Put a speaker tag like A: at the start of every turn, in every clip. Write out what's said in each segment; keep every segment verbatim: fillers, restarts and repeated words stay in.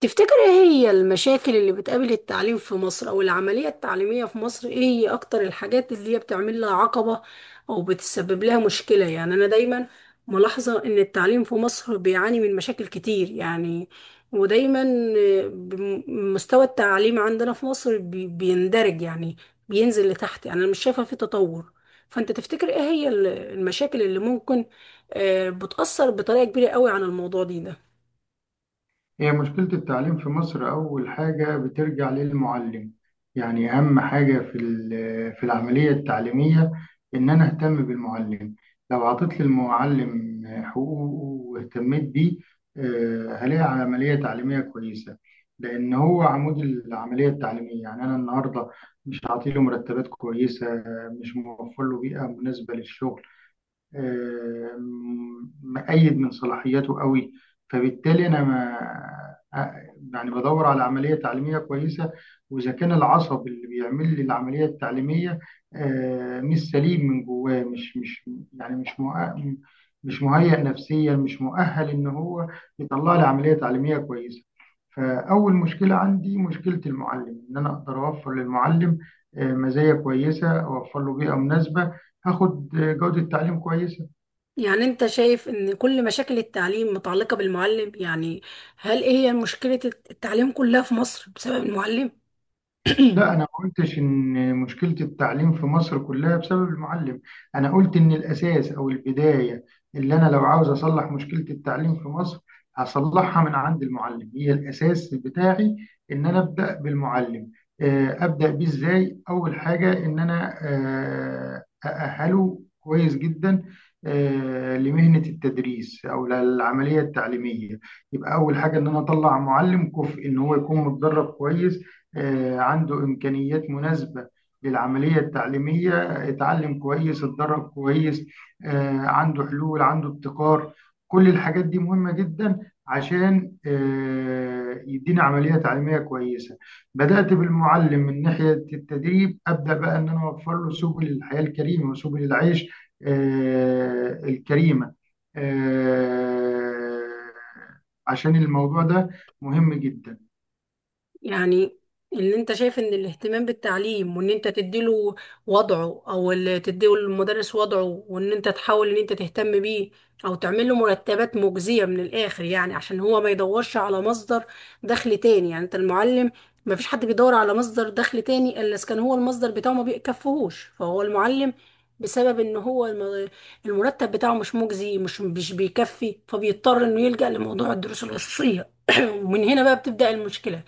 A: تفتكر ايه هي المشاكل اللي بتقابل التعليم في مصر او العملية التعليمية في مصر؟ ايه هي اكتر الحاجات اللي هي بتعمل لها عقبة او بتسبب لها مشكلة؟ يعني انا دايما ملاحظة ان التعليم في مصر بيعاني من مشاكل كتير، يعني ودايما آه، بم- مستوى التعليم عندنا في مصر بي- بيندرج، يعني بينزل لتحت. يعني انا مش شايفة في تطور. فانت تفتكر ايه هي ال- المشاكل اللي ممكن آه، بتأثر بطريقة كبيرة قوي عن الموضوع دي ده؟
B: هي مشكلة التعليم في مصر أول حاجة بترجع للمعلم. يعني أهم حاجة في ال- في العملية التعليمية إن أنا أهتم بالمعلم. لو عطيت للمعلم حقوقه واهتميت بيه، آه، هلاقي عملية تعليمية كويسة، لأن هو عمود العملية التعليمية. يعني أنا النهاردة مش عاطيله مرتبات كويسة، مش موفر له بيئة مناسبة للشغل، آه، م- مأيد من صلاحياته قوي، فبالتالي أنا ما آه، يعني بدور على عملية تعليمية كويسة. وإذا كان العصب اللي بيعمل لي العملية التعليمية آه، مش سليم من جواه، مش مش يعني مش مؤ- مش مهيأ نفسيا، مش مؤهل إن هو يطلع لي عملية تعليمية كويسة. فأول مشكلة عندي مشكلة المعلم، إن أنا أقدر أوفر للمعلم آه، مزايا كويسة، أوفر له بيئة مناسبة، هاخد جودة تعليم كويسة.
A: يعني أنت شايف إن كل مشاكل التعليم متعلقة بالمعلم، يعني هل إيه هي مشكلة التعليم كلها في مصر بسبب المعلم؟
B: لا، أنا ما قلتش إن مشكلة التعليم في مصر كلها بسبب المعلم، أنا قلت إن الأساس أو البداية اللي أنا لو عاوز أصلح مشكلة التعليم في مصر هصلحها من عند المعلم، هي الأساس بتاعي إن أنا أبدأ بالمعلم، آه، أبدأ بيه إزاي؟ أول حاجة إن أنا آه، أأهله كويس جدا آه، لمهنة التدريس أو للعملية التعليمية. يبقى أول حاجة إن أنا أطلع معلم كفء، إن هو يكون متدرب كويس، آه، عنده إمكانيات مناسبة للعملية التعليمية، اتعلم كويس اتدرب كويس، آه، عنده حلول عنده ابتكار. كل الحاجات دي مهمة جدا عشان آه، يدينا عملية تعليمية كويسة. بدأت بالمعلم من ناحية التدريب، أبدأ بقى إن أنا أوفر له سبل الحياة الكريمة وسبل العيش آه، الكريمة، آه، عشان الموضوع ده مهم جدا.
A: يعني اللي انت شايف ان الاهتمام بالتعليم، وان انت تديله وضعه او اللي تديله المدرس وضعه، وان انت تحاول ان انت تهتم بيه او تعمل له مرتبات مجزية من الاخر، يعني عشان هو ما يدورش على مصدر دخل تاني. يعني انت المعلم ما فيش حد بيدور على مصدر دخل تاني الا اذا كان هو المصدر بتاعه ما بيكفيهوش، فهو المعلم بسبب ان هو الم- المرتب بتاعه مش مجزي، مش مش بيكفي، فبيضطر انه يلجأ لموضوع الدروس الخصوصية. ومن هنا بقى بتبدأ المشكلة.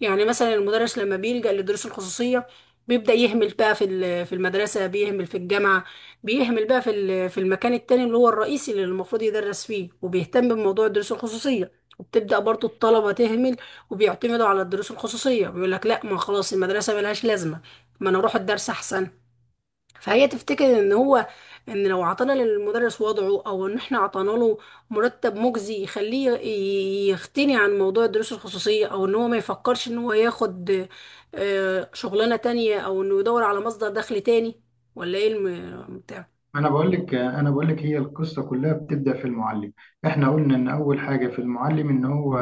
A: يعني مثلا المدرس لما بيلجأ للدروس الخصوصية بيبدأ يهمل بقى في ال- في المدرسة، بيهمل في الجامعة، بيهمل بقى في ال- في المكان التاني اللي هو الرئيسي اللي المفروض يدرس فيه، وبيهتم بموضوع الدروس الخصوصية. وبتبدأ برضو الطلبة تهمل وبيعتمدوا على الدروس الخصوصية، بيقول لك لا، ما خلاص المدرسة ملهاش لازمة، ما انا اروح الدرس احسن. فهي تفتكر ان هو، ان لو عطانا للمدرس وضعه، او ان احنا عطانا له مرتب مجزي يخليه ي- يغتني عن موضوع الدروس الخصوصية، او ان هو ما يفكرش ان هو ياخد آه، شغلانة تانية، او انه يدور على مصدر دخل تاني، ولا ايه الم- بتاع؟
B: انا بقول لك انا بقول لك هي القصه كلها بتبدا في المعلم. احنا قلنا ان اول حاجه في المعلم ان هو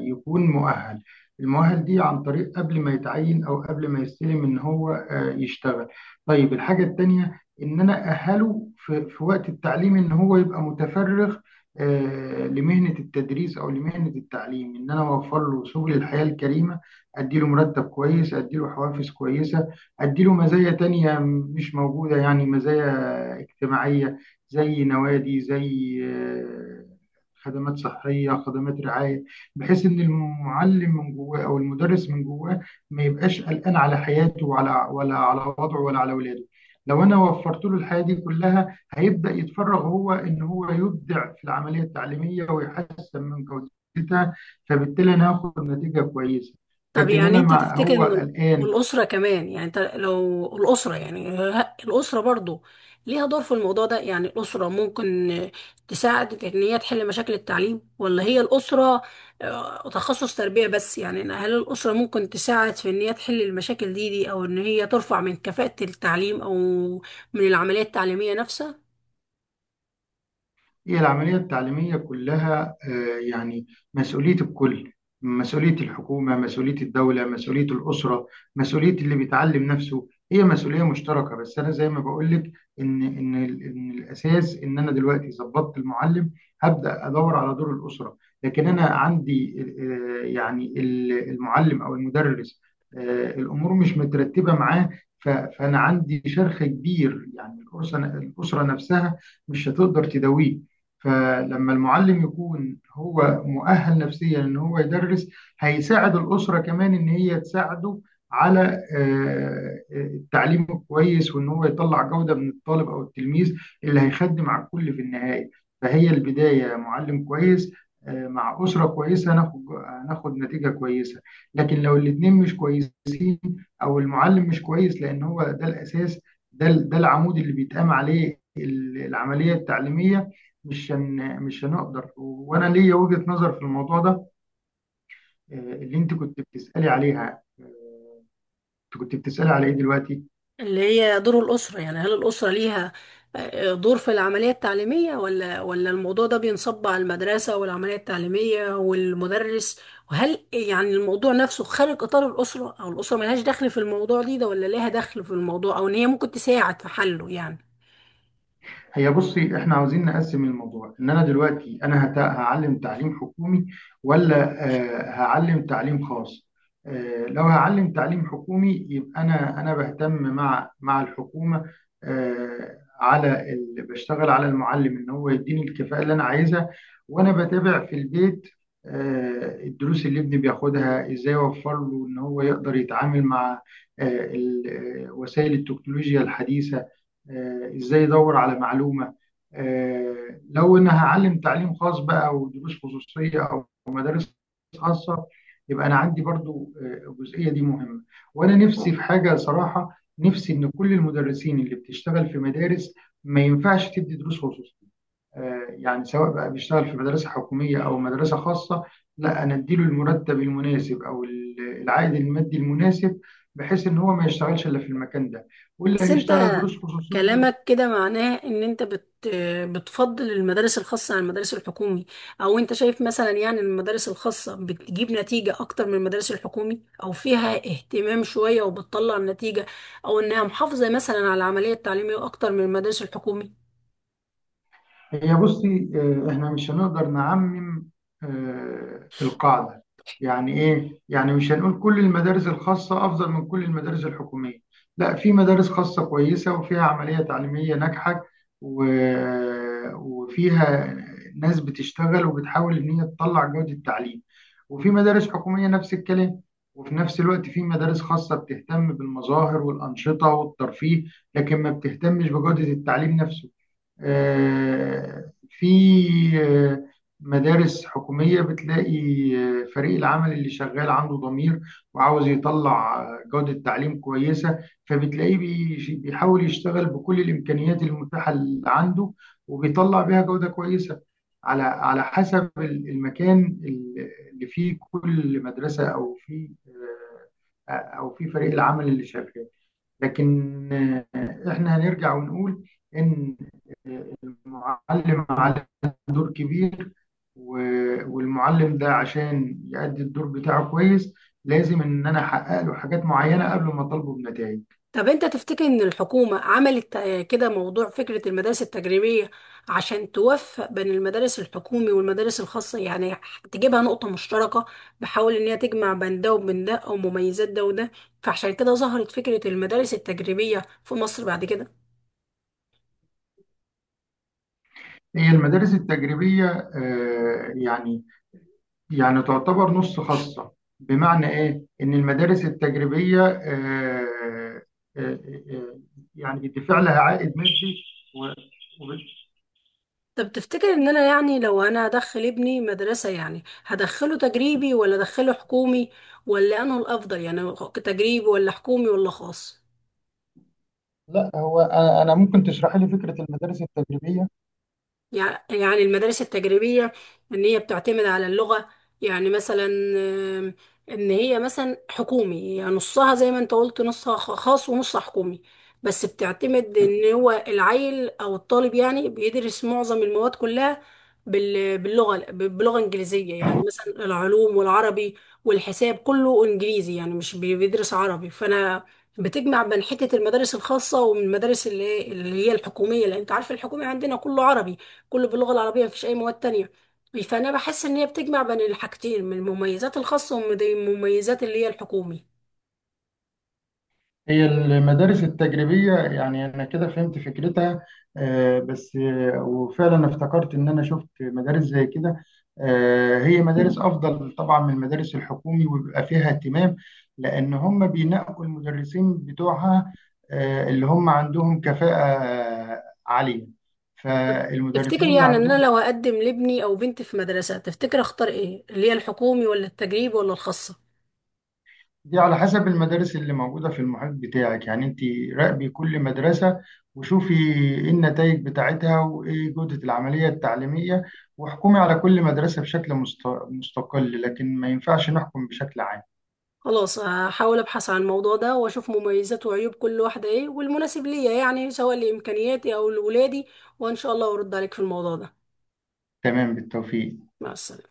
B: يكون مؤهل. المؤهل دي عن طريق قبل ما يتعين او قبل ما يستلم ان هو آه، يشتغل. طيب الحاجه التانيه ان انا اهله في في وقت التعليم ان هو يبقى متفرغ آه، لمهنه التدريس او لمهنه التعليم، ان انا اوفر له سبل الحياه الكريمه، ادي له مرتب كويس ادي له حوافز كويسه، أديله مزايا تانية مش موجودة، يعني مزايا اجتماعية زي نوادي، زي آه، خدمات صحية خدمات رعاية، بحيث إن المعلم من جواه أو المدرس من جواه ما يبقاش قلقان على حياته ولا ولا على وضعه ولا على ولاده. لو أنا وفرت له الحياة دي كلها هيبدأ يتفرغ هو إن هو يبدع في العملية التعليمية ويحسن من جودتها، فبالتالي أنا هاخد نتيجة كويسة.
A: طب
B: لكن
A: يعني
B: أنا
A: انت
B: ما
A: تفتكر
B: هو
A: ان ال-
B: قلقان.
A: والاسره كمان، يعني انت لو الاسره، يعني ه- الاسره برضو ليها دور في الموضوع ده؟ يعني الاسره ممكن آه، تساعد في ان هي تحل مشاكل التعليم، ولا هي الاسره آه، تخصص تربيه بس؟ يعني ان هل الاسره ممكن تساعد في ان هي تحل المشاكل دي دي، او ان هي ترفع من كفاءه التعليم او من العمليه التعليميه نفسها؟
B: هي العملية التعليمية كلها آه، يعني مسؤولية الكل، مسؤولية الحكومة مسؤولية الدولة مسؤولية الأسرة مسؤولية اللي بيتعلم نفسه، هي مسؤولية مشتركة، بس أنا زي ما بقولك إن إن ال- إن الأساس إن أنا دلوقتي ظبطت المعلم، هبدأ أدور على دور الأسرة. لكن أنا عندي آه، يعني ال- المعلم أو المدرس آه، الأمور مش مترتبة معاه، ف- فأنا عندي شرخ كبير، يعني الأسرة الأسرة نفسها مش هتقدر تداويه. فلما المعلم يكون هو مؤهل نفسيا ان هو يدرس، هيساعد الاسره كمان ان هي تساعده على آه، آه، التعليم الكويس وان هو يطلع جوده من الطالب او التلميذ اللي هيخدم على الكل في النهايه. فهي البدايه معلم كويس آه، مع اسره كويسه، ناخد ناخد نتيجه كويسه. لكن لو الاثنين مش كويسين او المعلم مش كويس لان هو ده الاساس، ده ده العمود اللي بيتقام عليه العمليه التعليميه. مش هن... مش هنقدر، وانا ليا وجهة نظر في الموضوع ده آه، اللي انت كنت بتسألي عليها. آه، انت كنت بتسألي على ايه دلوقتي؟
A: اللي هي دور الأسرة، يعني هل الأسرة ليها آه، دور في العملية التعليمية، ولا ولا الموضوع ده بينصب على المدرسة والعملية التعليمية والمدرس؟ وهل يعني الموضوع نفسه خارج إطار الأسرة، أو الأسرة ملهاش دخل في الموضوع دي ده، ولا ليها دخل في الموضوع، أو إن هي ممكن تساعد في حله؟ يعني
B: هي بصي، احنا عاوزين نقسم الموضوع، ان انا دلوقتي انا هت- هعلم تعليم حكومي ولا آه، هعلم تعليم خاص. آه، لو هعلم تعليم حكومي يبقى انا انا بهتم مع مع الحكومة، آه، على ال... بشتغل على المعلم ان هو يديني الكفاءة اللي انا عايزها، وانا بتابع في البيت آه، الدروس اللي ابني بياخدها، ازاي اوفر له ان هو يقدر يتعامل مع آه، ال- آه، وسائل التكنولوجيا الحديثة، آه، ازاي يدور على معلومة. آه، لو ان هعلم تعليم خاص بقى او دروس خصوصية او مدارس خاصة، يبقى انا عندي برضو آه، الجزئية دي مهمة. وانا نفسي في حاجة صراحة، نفسي ان كل المدرسين اللي بتشتغل في مدارس ما ينفعش تدي دروس خصوصية، آه، يعني سواء بقى بيشتغل في مدرسة حكومية او مدرسة خاصة، لا، انا اديله المرتب المناسب او ال- العائد المادي المناسب بحيث ان هو ما يشتغلش الا في المكان ده، واللي
A: بس انت
B: هيشتغل دروس خصوصيه.
A: كلامك كده معناه ان انت بت بتفضل المدارس الخاصة عن المدارس الحكومي، او انت شايف مثلا يعني المدارس الخاصة بتجيب نتيجة اكتر من المدارس الحكومي، او فيها اهتمام شوية وبتطلع نتيجة، او انها محافظة مثلا على العملية التعليمية اكتر من المدارس الحكومي؟
B: هي بصي آه، احنا مش هنقدر نعمم آه، القاعدة، يعني ايه، يعني مش هنقول كل المدارس الخاصة افضل من كل المدارس الحكومية. لا، في مدارس خاصة كويسة وفيها عملية تعليمية ناجحة و- وفيها ناس بتشتغل وبتحاول ان هي تطلع جودة التعليم. وفي مدارس حكومية نفس الكلام. وفي نفس الوقت في مدارس خاصة بتهتم بالمظاهر والأنشطة والترفيه، لكن ما بتهتمش بجودة التعليم نفسه. آه، في آه، مدارس حكومية بتلاقي آه، فريق العمل اللي شغال عنده ضمير، وعاوز يطلع آه، جودة تعليم كويسة، فبتلاقيه بيش- بيحاول يشتغل بكل الإمكانيات المتاحة اللي عنده وبيطلع بيها جودة كويسة، على على حسب ال- المكان ال- اللي فيه كل مدرسة أو فيه آه، أو فيه فريق العمل اللي شغال. لكن آه، احنا هنرجع ونقول ان المعلم عليه دور كبير، و- والمعلم ده عشان يأدي الدور بتاعه كويس، لازم ان انا احقق له حاجات معينه قبل ما اطالبه بنتائج.
A: طب انت تفتكر ان الحكومة عملت آه، كده موضوع فكرة المدارس التجريبية عشان توفق بين المدارس الحكومي والمدارس الخاصة؟ يعني تجيبها نقطة مشتركة، بحاول ان هي تجمع بين ده وبين ده او مميزات ده وده، فعشان كده ظهرت فكرة المدارس التجريبية في مصر بعد كده.
B: هي المدارس التجريبيه آه، يعني يعني تعتبر نص خاصه. بمعنى ايه ان المدارس التجريبيه آه، آه، آه، يعني بيدفع لها عائد مادي و- وب-
A: طب تفتكر ان انا يعني لو انا هدخل ابني مدرسة، يعني هدخله تجريبي ولا ادخله حكومي، ولا انه الافضل، يعني تجريبي ولا حكومي ولا خاص؟
B: لا، هو انا أنا ممكن تشرحي لي فكره المدارس التجريبيه؟
A: يع- يعني المدارس التجريبية إن هي بتعتمد على اللغة، يعني مثلا آم، إن هي مثلا حكومي، يعني نصها زي ما أنت قلت، نصها خ- خاص ونصها حكومي، بس بتعتمد إن هو العيل أو الطالب يعني بيدرس معظم المواد كلها بال- باللغة، ب- بلغة إنجليزية، يعني مثلا العلوم والعربي والحساب كله إنجليزي، يعني مش بي- بيدرس عربي. فأنا بتجمع بين حتة المدارس الخاصة ومن المدارس اللي اللي هي الحكومية، لأن أنت عارف الحكومي عندنا كله عربي، كله باللغة العربية، مفيش أي مواد تانية، فأنا بحس إن هي بتجمع بين الحاجتين، من المميزات الخاصة ومن المميزات اللي هي الحكومي.
B: هي المدارس التجريبية يعني أنا كده فهمت فكرتها، آه، بس آه، وفعلا افتكرت إن أنا شفت مدارس زي كده، آه، هي مدارس أفضل طبعا من المدارس الحكومي وبيبقى فيها اهتمام، لأن هم بينقوا المدرسين بتوعها آه، اللي هم عندهم كفاءة آه، عالية.
A: تفتكر
B: فالمدرسين اللي
A: يعني إن أنا
B: عندهم،
A: لو هقدم لابني أو بنتي في مدرسة، تفتكر أختار إيه، اللي هي الحكومي ولا التجريبي ولا الخاصة؟
B: دي على حسب المدارس اللي موجودة في المحيط بتاعك، يعني انت راقبي كل مدرسة وشوفي ايه النتائج بتاعتها وايه جودة العملية التعليمية، واحكمي على كل مدرسة بشكل مست- مستقل، لكن ما ينفعش نحكم بشكل عام.
A: خلاص، هحاول أبحث عن الموضوع ده وأشوف مميزات وعيوب كل واحدة إيه والمناسب ليا، يعني سواء لإمكانياتي أو لولادي، وإن شاء الله أرد عليك في الموضوع ده.
B: تمام، بالتوفيق.
A: مع السلامة.